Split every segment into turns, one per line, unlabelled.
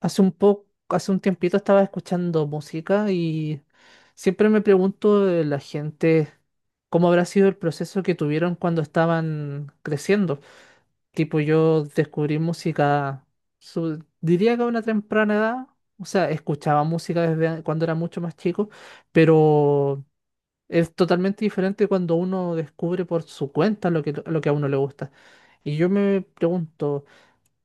Hace un tiempito estaba escuchando música y siempre me pregunto de la gente cómo habrá sido el proceso que tuvieron cuando estaban creciendo. Tipo, yo descubrí música, diría que a una temprana edad, o sea, escuchaba música desde cuando era mucho más chico, pero es totalmente diferente cuando uno descubre por su cuenta lo que a uno le gusta. Y yo me pregunto.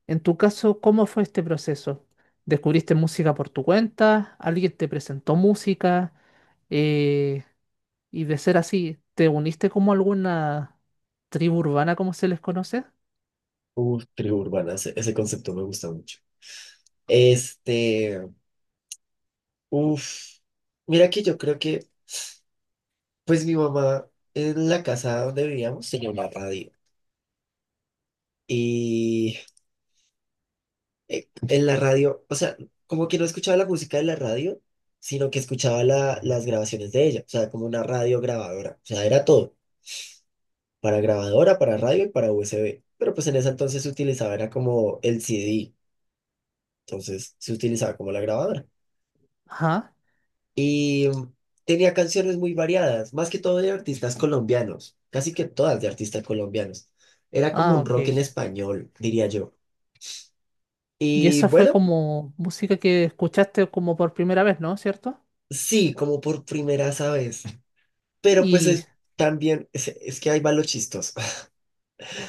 En tu caso, ¿cómo fue este proceso? ¿Descubriste música por tu cuenta? ¿Alguien te presentó música? Eh, y de ser así, ¿te uniste como a alguna tribu urbana, como se les conoce?
Uf, tribu urbana, ese concepto me gusta mucho. Este, uf, mira que yo creo que, pues mi mamá en la casa donde vivíamos tenía una radio y en la radio, o sea, como que no escuchaba la música de la radio, sino que escuchaba las grabaciones de ella, o sea, como una radio grabadora, o sea, era todo, para grabadora, para radio y para USB, pero pues en ese entonces se utilizaba, era como el CD, entonces se utilizaba como la grabadora.
Ajá.
Y tenía canciones muy variadas, más que todo de artistas colombianos, casi que todas de artistas colombianos. Era como
Ah,
un
ok.
rock en español, diría yo.
Y
Y
esa fue
bueno,
como música que escuchaste como por primera vez, ¿no? ¿Cierto?
sí, como por primera vez. Pero
Y,
también, es que ahí va lo chistoso.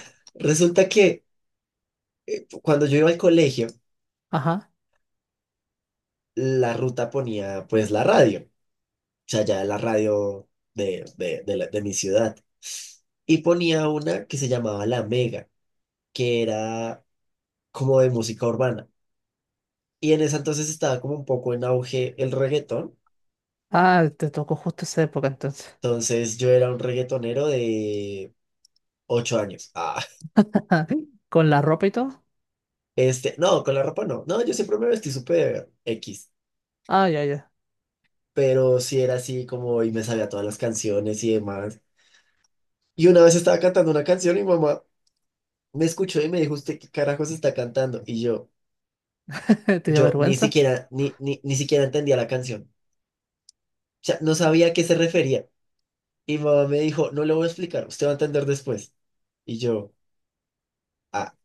Resulta que cuando yo iba al colegio,
ajá.
la ruta ponía pues la radio, o sea, ya la radio de mi ciudad. Y ponía una que se llamaba La Mega, que era como de música urbana. Y en esa entonces estaba como un poco en auge el reggaetón.
Ah, te tocó justo esa época entonces.
Entonces yo era un reggaetonero de ocho años. Ah,
¿Con la ropa y todo?
no, con la ropa no. No, yo siempre me vestí súper X.
Ah, ya, ya.
Pero sí era así como y me sabía todas las canciones y demás. Y una vez estaba cantando una canción y mi mamá me escuchó y me dijo, ¿usted qué carajos está cantando? Y yo,
¿Te dio
yo ni
vergüenza?
siquiera, ni siquiera entendía la canción. O sea, no sabía a qué se refería. Y mi mamá me dijo, no le voy a explicar, usted va a entender después. Y yo... "Ah,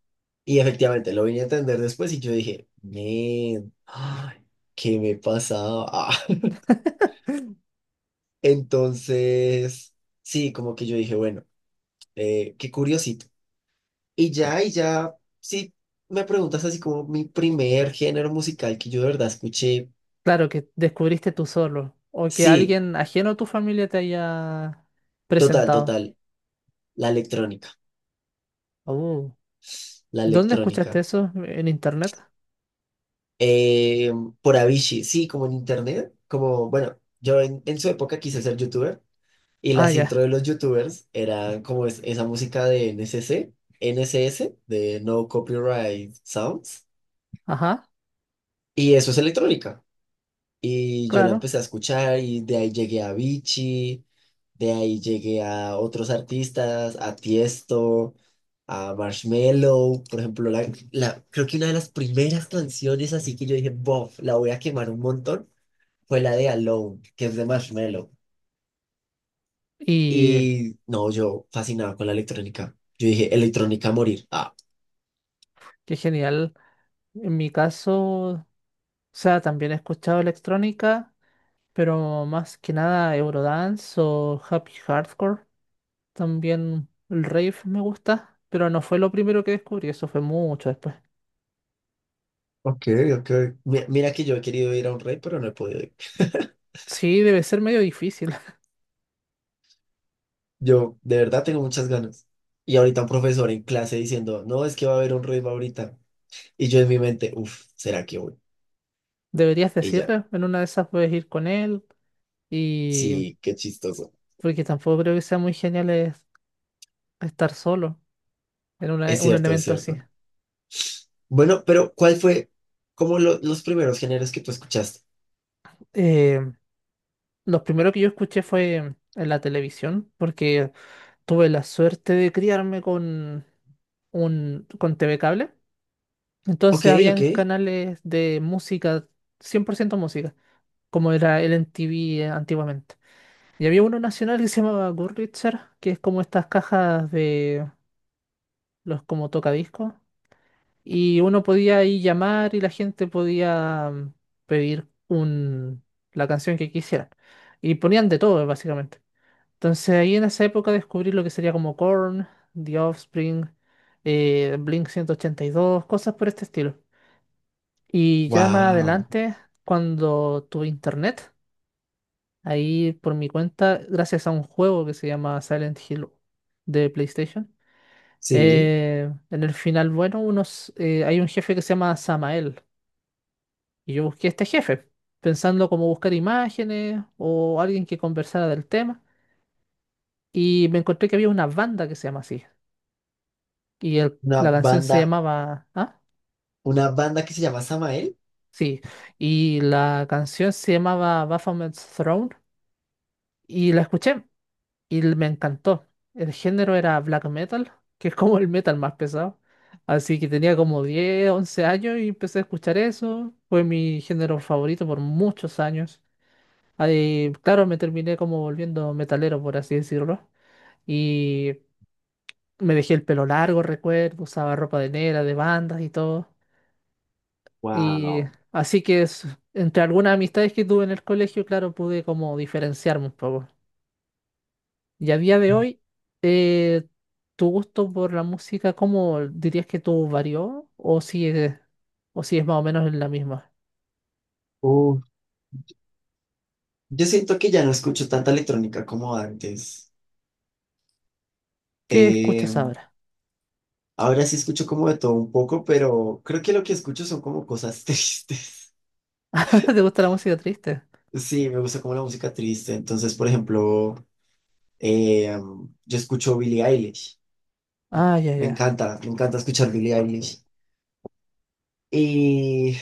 y efectivamente lo vine a entender después y yo dije, "Men, ay, ¿qué me pasaba? Ah". Entonces, sí, como que yo dije, bueno, qué curiosito. Y ya, sí, me preguntas así como mi primer género musical que yo de verdad escuché,
Claro, que descubriste tú solo o que
sí,
alguien ajeno a tu familia te haya presentado.
total, la electrónica,
Oh,
la
¿dónde escuchaste
electrónica.
eso? ¿En internet?
Eh, por Avicii, sí, como en internet, como, bueno, en su época quise ser youtuber. Y
Ah,
las intro
ya.
de los youtubers eran como esa música de N C NCC, S de No Copyright Sounds.
Ajá,
Y eso es electrónica. Y yo la
claro.
empecé a escuchar y de ahí llegué a Vichy, de ahí llegué a otros artistas, a Tiesto, a Marshmello. Por ejemplo, creo que una de las primeras canciones así que yo dije, bof, la voy a quemar un montón, fue la de Alone, que es de Marshmello.
Y
Y no, yo fascinado con la electrónica. Yo dije, electrónica a morir. Ah,
qué genial. En mi caso, o sea, también he escuchado electrónica, pero más que nada Eurodance o Happy Hardcore. También el rave me gusta, pero no fue lo primero que descubrí, eso fue mucho después.
ok, ok. Mira que yo he querido ir a un rey, pero no he podido ir.
Sí, debe ser medio difícil.
Yo de verdad tengo muchas ganas. Y ahorita un profesor en clase diciendo, no, es que va a haber un rey ahorita. Y yo en mi mente, uff, ¿será que voy?
Deberías
Y ya,
decirle, en una de esas puedes ir con él y
sí, qué chistoso.
porque tampoco creo que sea muy genial es estar solo en
Es
un
cierto, es
evento así.
cierto. Bueno, pero ¿cuál fue como los primeros géneros que tú escuchaste?
Eh, lo primero que yo escuché fue en la televisión porque tuve la suerte de criarme con un con TV cable.
Ok,
Entonces
ok.
habían canales de música, 100% música, como era el MTV antiguamente. Y había uno nacional que se llamaba Goodreader, que es como estas cajas de los como tocadiscos y uno podía ahí llamar y la gente podía pedir la canción que quisieran. Y ponían de todo, básicamente. Entonces ahí en esa época descubrí lo que sería como Korn, The Offspring, Blink 182 cosas por este estilo. Y ya más
Wow.
adelante, cuando tuve internet, ahí por mi cuenta, gracias a un juego que se llama Silent Hill de PlayStation,
Sí,
en el final, bueno, hay un jefe que se llama Samael. Y yo busqué a este jefe, pensando cómo buscar imágenes o alguien que conversara del tema. Y me encontré que había una banda que se llama así. Y
una
la canción se
banda,
llamaba. ¿Ah?
una banda que se llama Samael.
Sí. Y la canción se llamaba Baphomet's Throne. Y la escuché y me encantó. El género era black metal, que es como el metal más pesado. Así que tenía como 10 11 años y empecé a escuchar eso. Fue mi género favorito por muchos años. Ahí, claro, me terminé como volviendo metalero, por así decirlo. Y me dejé el pelo largo, recuerdo, usaba ropa de negra, de bandas y todo. Y
Wow.
así que entre algunas amistades que tuve en el colegio, claro, pude como diferenciarme un poco. Y a día de hoy, eh, tu gusto por la música, ¿cómo dirías que tú varió? O si es más o menos en la misma?
Uh, yo siento que ya no escucho tanta electrónica como antes.
¿Qué
Eh,
escuchas ahora?
ahora sí escucho como de todo un poco, pero creo que lo que escucho son como cosas tristes.
¿Te gusta la música triste?
Sí, me gusta como la música triste. Entonces, por ejemplo, eh, yo escucho Billie Eilish.
Ah, ya, ya,
Me encanta escuchar Billie Eilish. Y,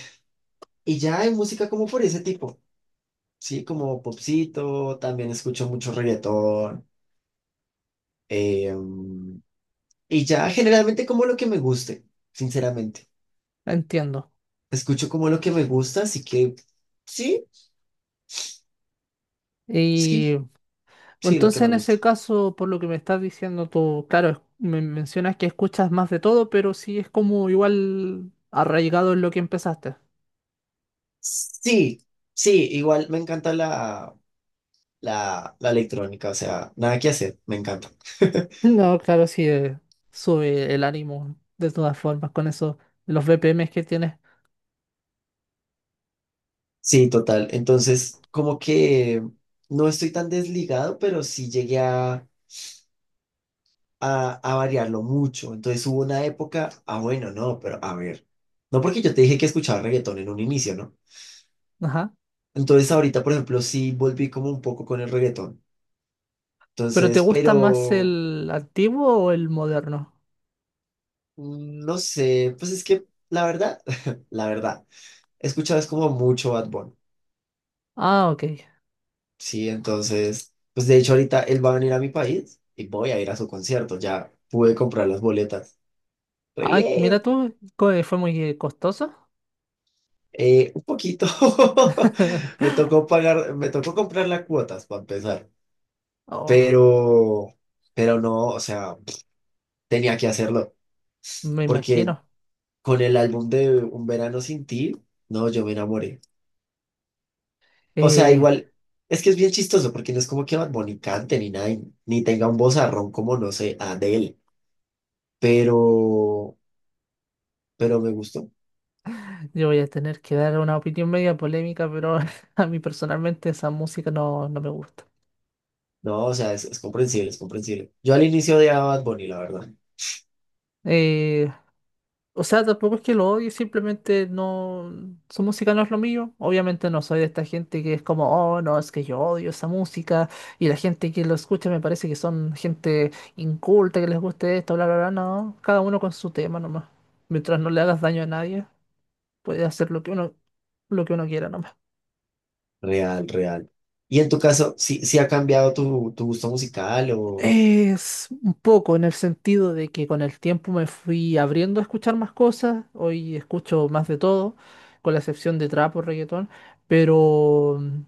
y ya hay música como por ese tipo, sí, como popcito, también escucho mucho reggaetón. eh, y ya generalmente como lo que me guste, sinceramente.
entiendo.
Escucho como lo que me gusta, así que sí, sí,
Y
sí, lo
Entonces,
que me
en
gusta.
ese caso, por lo que me estás diciendo tú, claro, me mencionas que escuchas más de todo, pero sí es como igual arraigado en lo que empezaste.
Sí, sí, igual me encanta la electrónica, o sea, nada que hacer, me encanta.
No, claro, sí, sube el ánimo de todas formas con eso, los BPMs que tienes.
Sí, total. Entonces, como que no estoy tan desligado, pero sí llegué a variarlo mucho. Entonces hubo una época, ah, bueno, no, pero a ver, no porque yo te dije que escuchaba reggaetón en un inicio, ¿no?
Ajá.
Entonces ahorita, por ejemplo, sí volví como un poco con el reggaetón.
¿Pero te
Entonces,
gusta más
pero...
el antiguo o el moderno?
Mm, no sé, pues es que la verdad, la verdad, he escuchado es como mucho Bad Bunny,
Ah, ok.
sí, entonces, pues de hecho ahorita él va a venir a mi país y voy a ir a su concierto, ya pude comprar las boletas, muy
Ay, mira
bien,
tú, fue muy costoso.
un poquito, me tocó pagar, me tocó comprar las cuotas para empezar,
Oh,
pero, pero no, o sea, tenía que hacerlo,
me
porque
imagino.
con el álbum de Un Verano Sin Ti, no, yo me enamoré. O sea,
Eh,
igual, es que es bien chistoso porque no es como que Bad Bunny cante ni nada, y- ni tenga un vozarrón como, no sé, Adele, pero, pero me gustó.
Yo voy a tener que dar una opinión media polémica, pero a mí personalmente esa música no, no me gusta.
No, o sea, es comprensible, es comprensible. Yo al inicio odiaba a Bad Bunny, la verdad.
Eh, o sea, tampoco es que lo odie, simplemente no, su música no es lo mío. Obviamente no soy de esta gente que es como, oh, no, es que yo odio esa música y la gente que lo escucha me parece que son gente inculta, que les guste esto, bla, bla, bla. No, cada uno con su tema nomás. Mientras no le hagas daño a nadie, puedes hacer lo que uno quiera nomás.
Real, real. Y en tu caso, ¿sí, sí ha cambiado tu, tu gusto musical o...?
Es un poco en el sentido de que con el tiempo me fui abriendo a escuchar más cosas, hoy escucho más de todo, con la excepción de trap o reggaetón, pero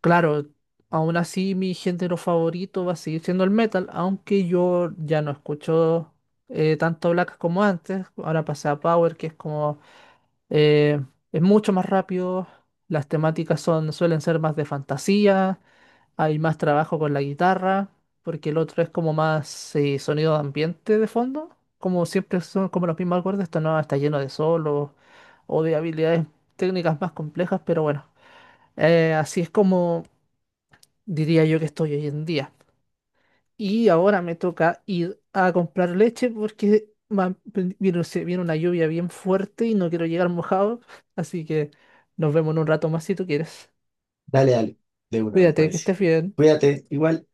claro, aún así mi género favorito va a seguir siendo el metal, aunque yo ya no escucho tanto black como antes, ahora pasé a power, que es como, eh, es mucho más rápido, las temáticas son, suelen ser más de fantasía, hay más trabajo con la guitarra, porque el otro es como más sonido de ambiente de fondo. Como siempre son como los mismos acordes, esto no está lleno de solos o de habilidades técnicas más complejas, pero bueno, así es como diría yo que estoy hoy en día. Y ahora me toca ir a comprar leche porque se viene una lluvia bien fuerte y no quiero llegar mojado, así que nos vemos en un rato más si tú quieres.
Dale, dale, de una, me
Cuídate, que
parece.
estés bien.
Cuídate, igual.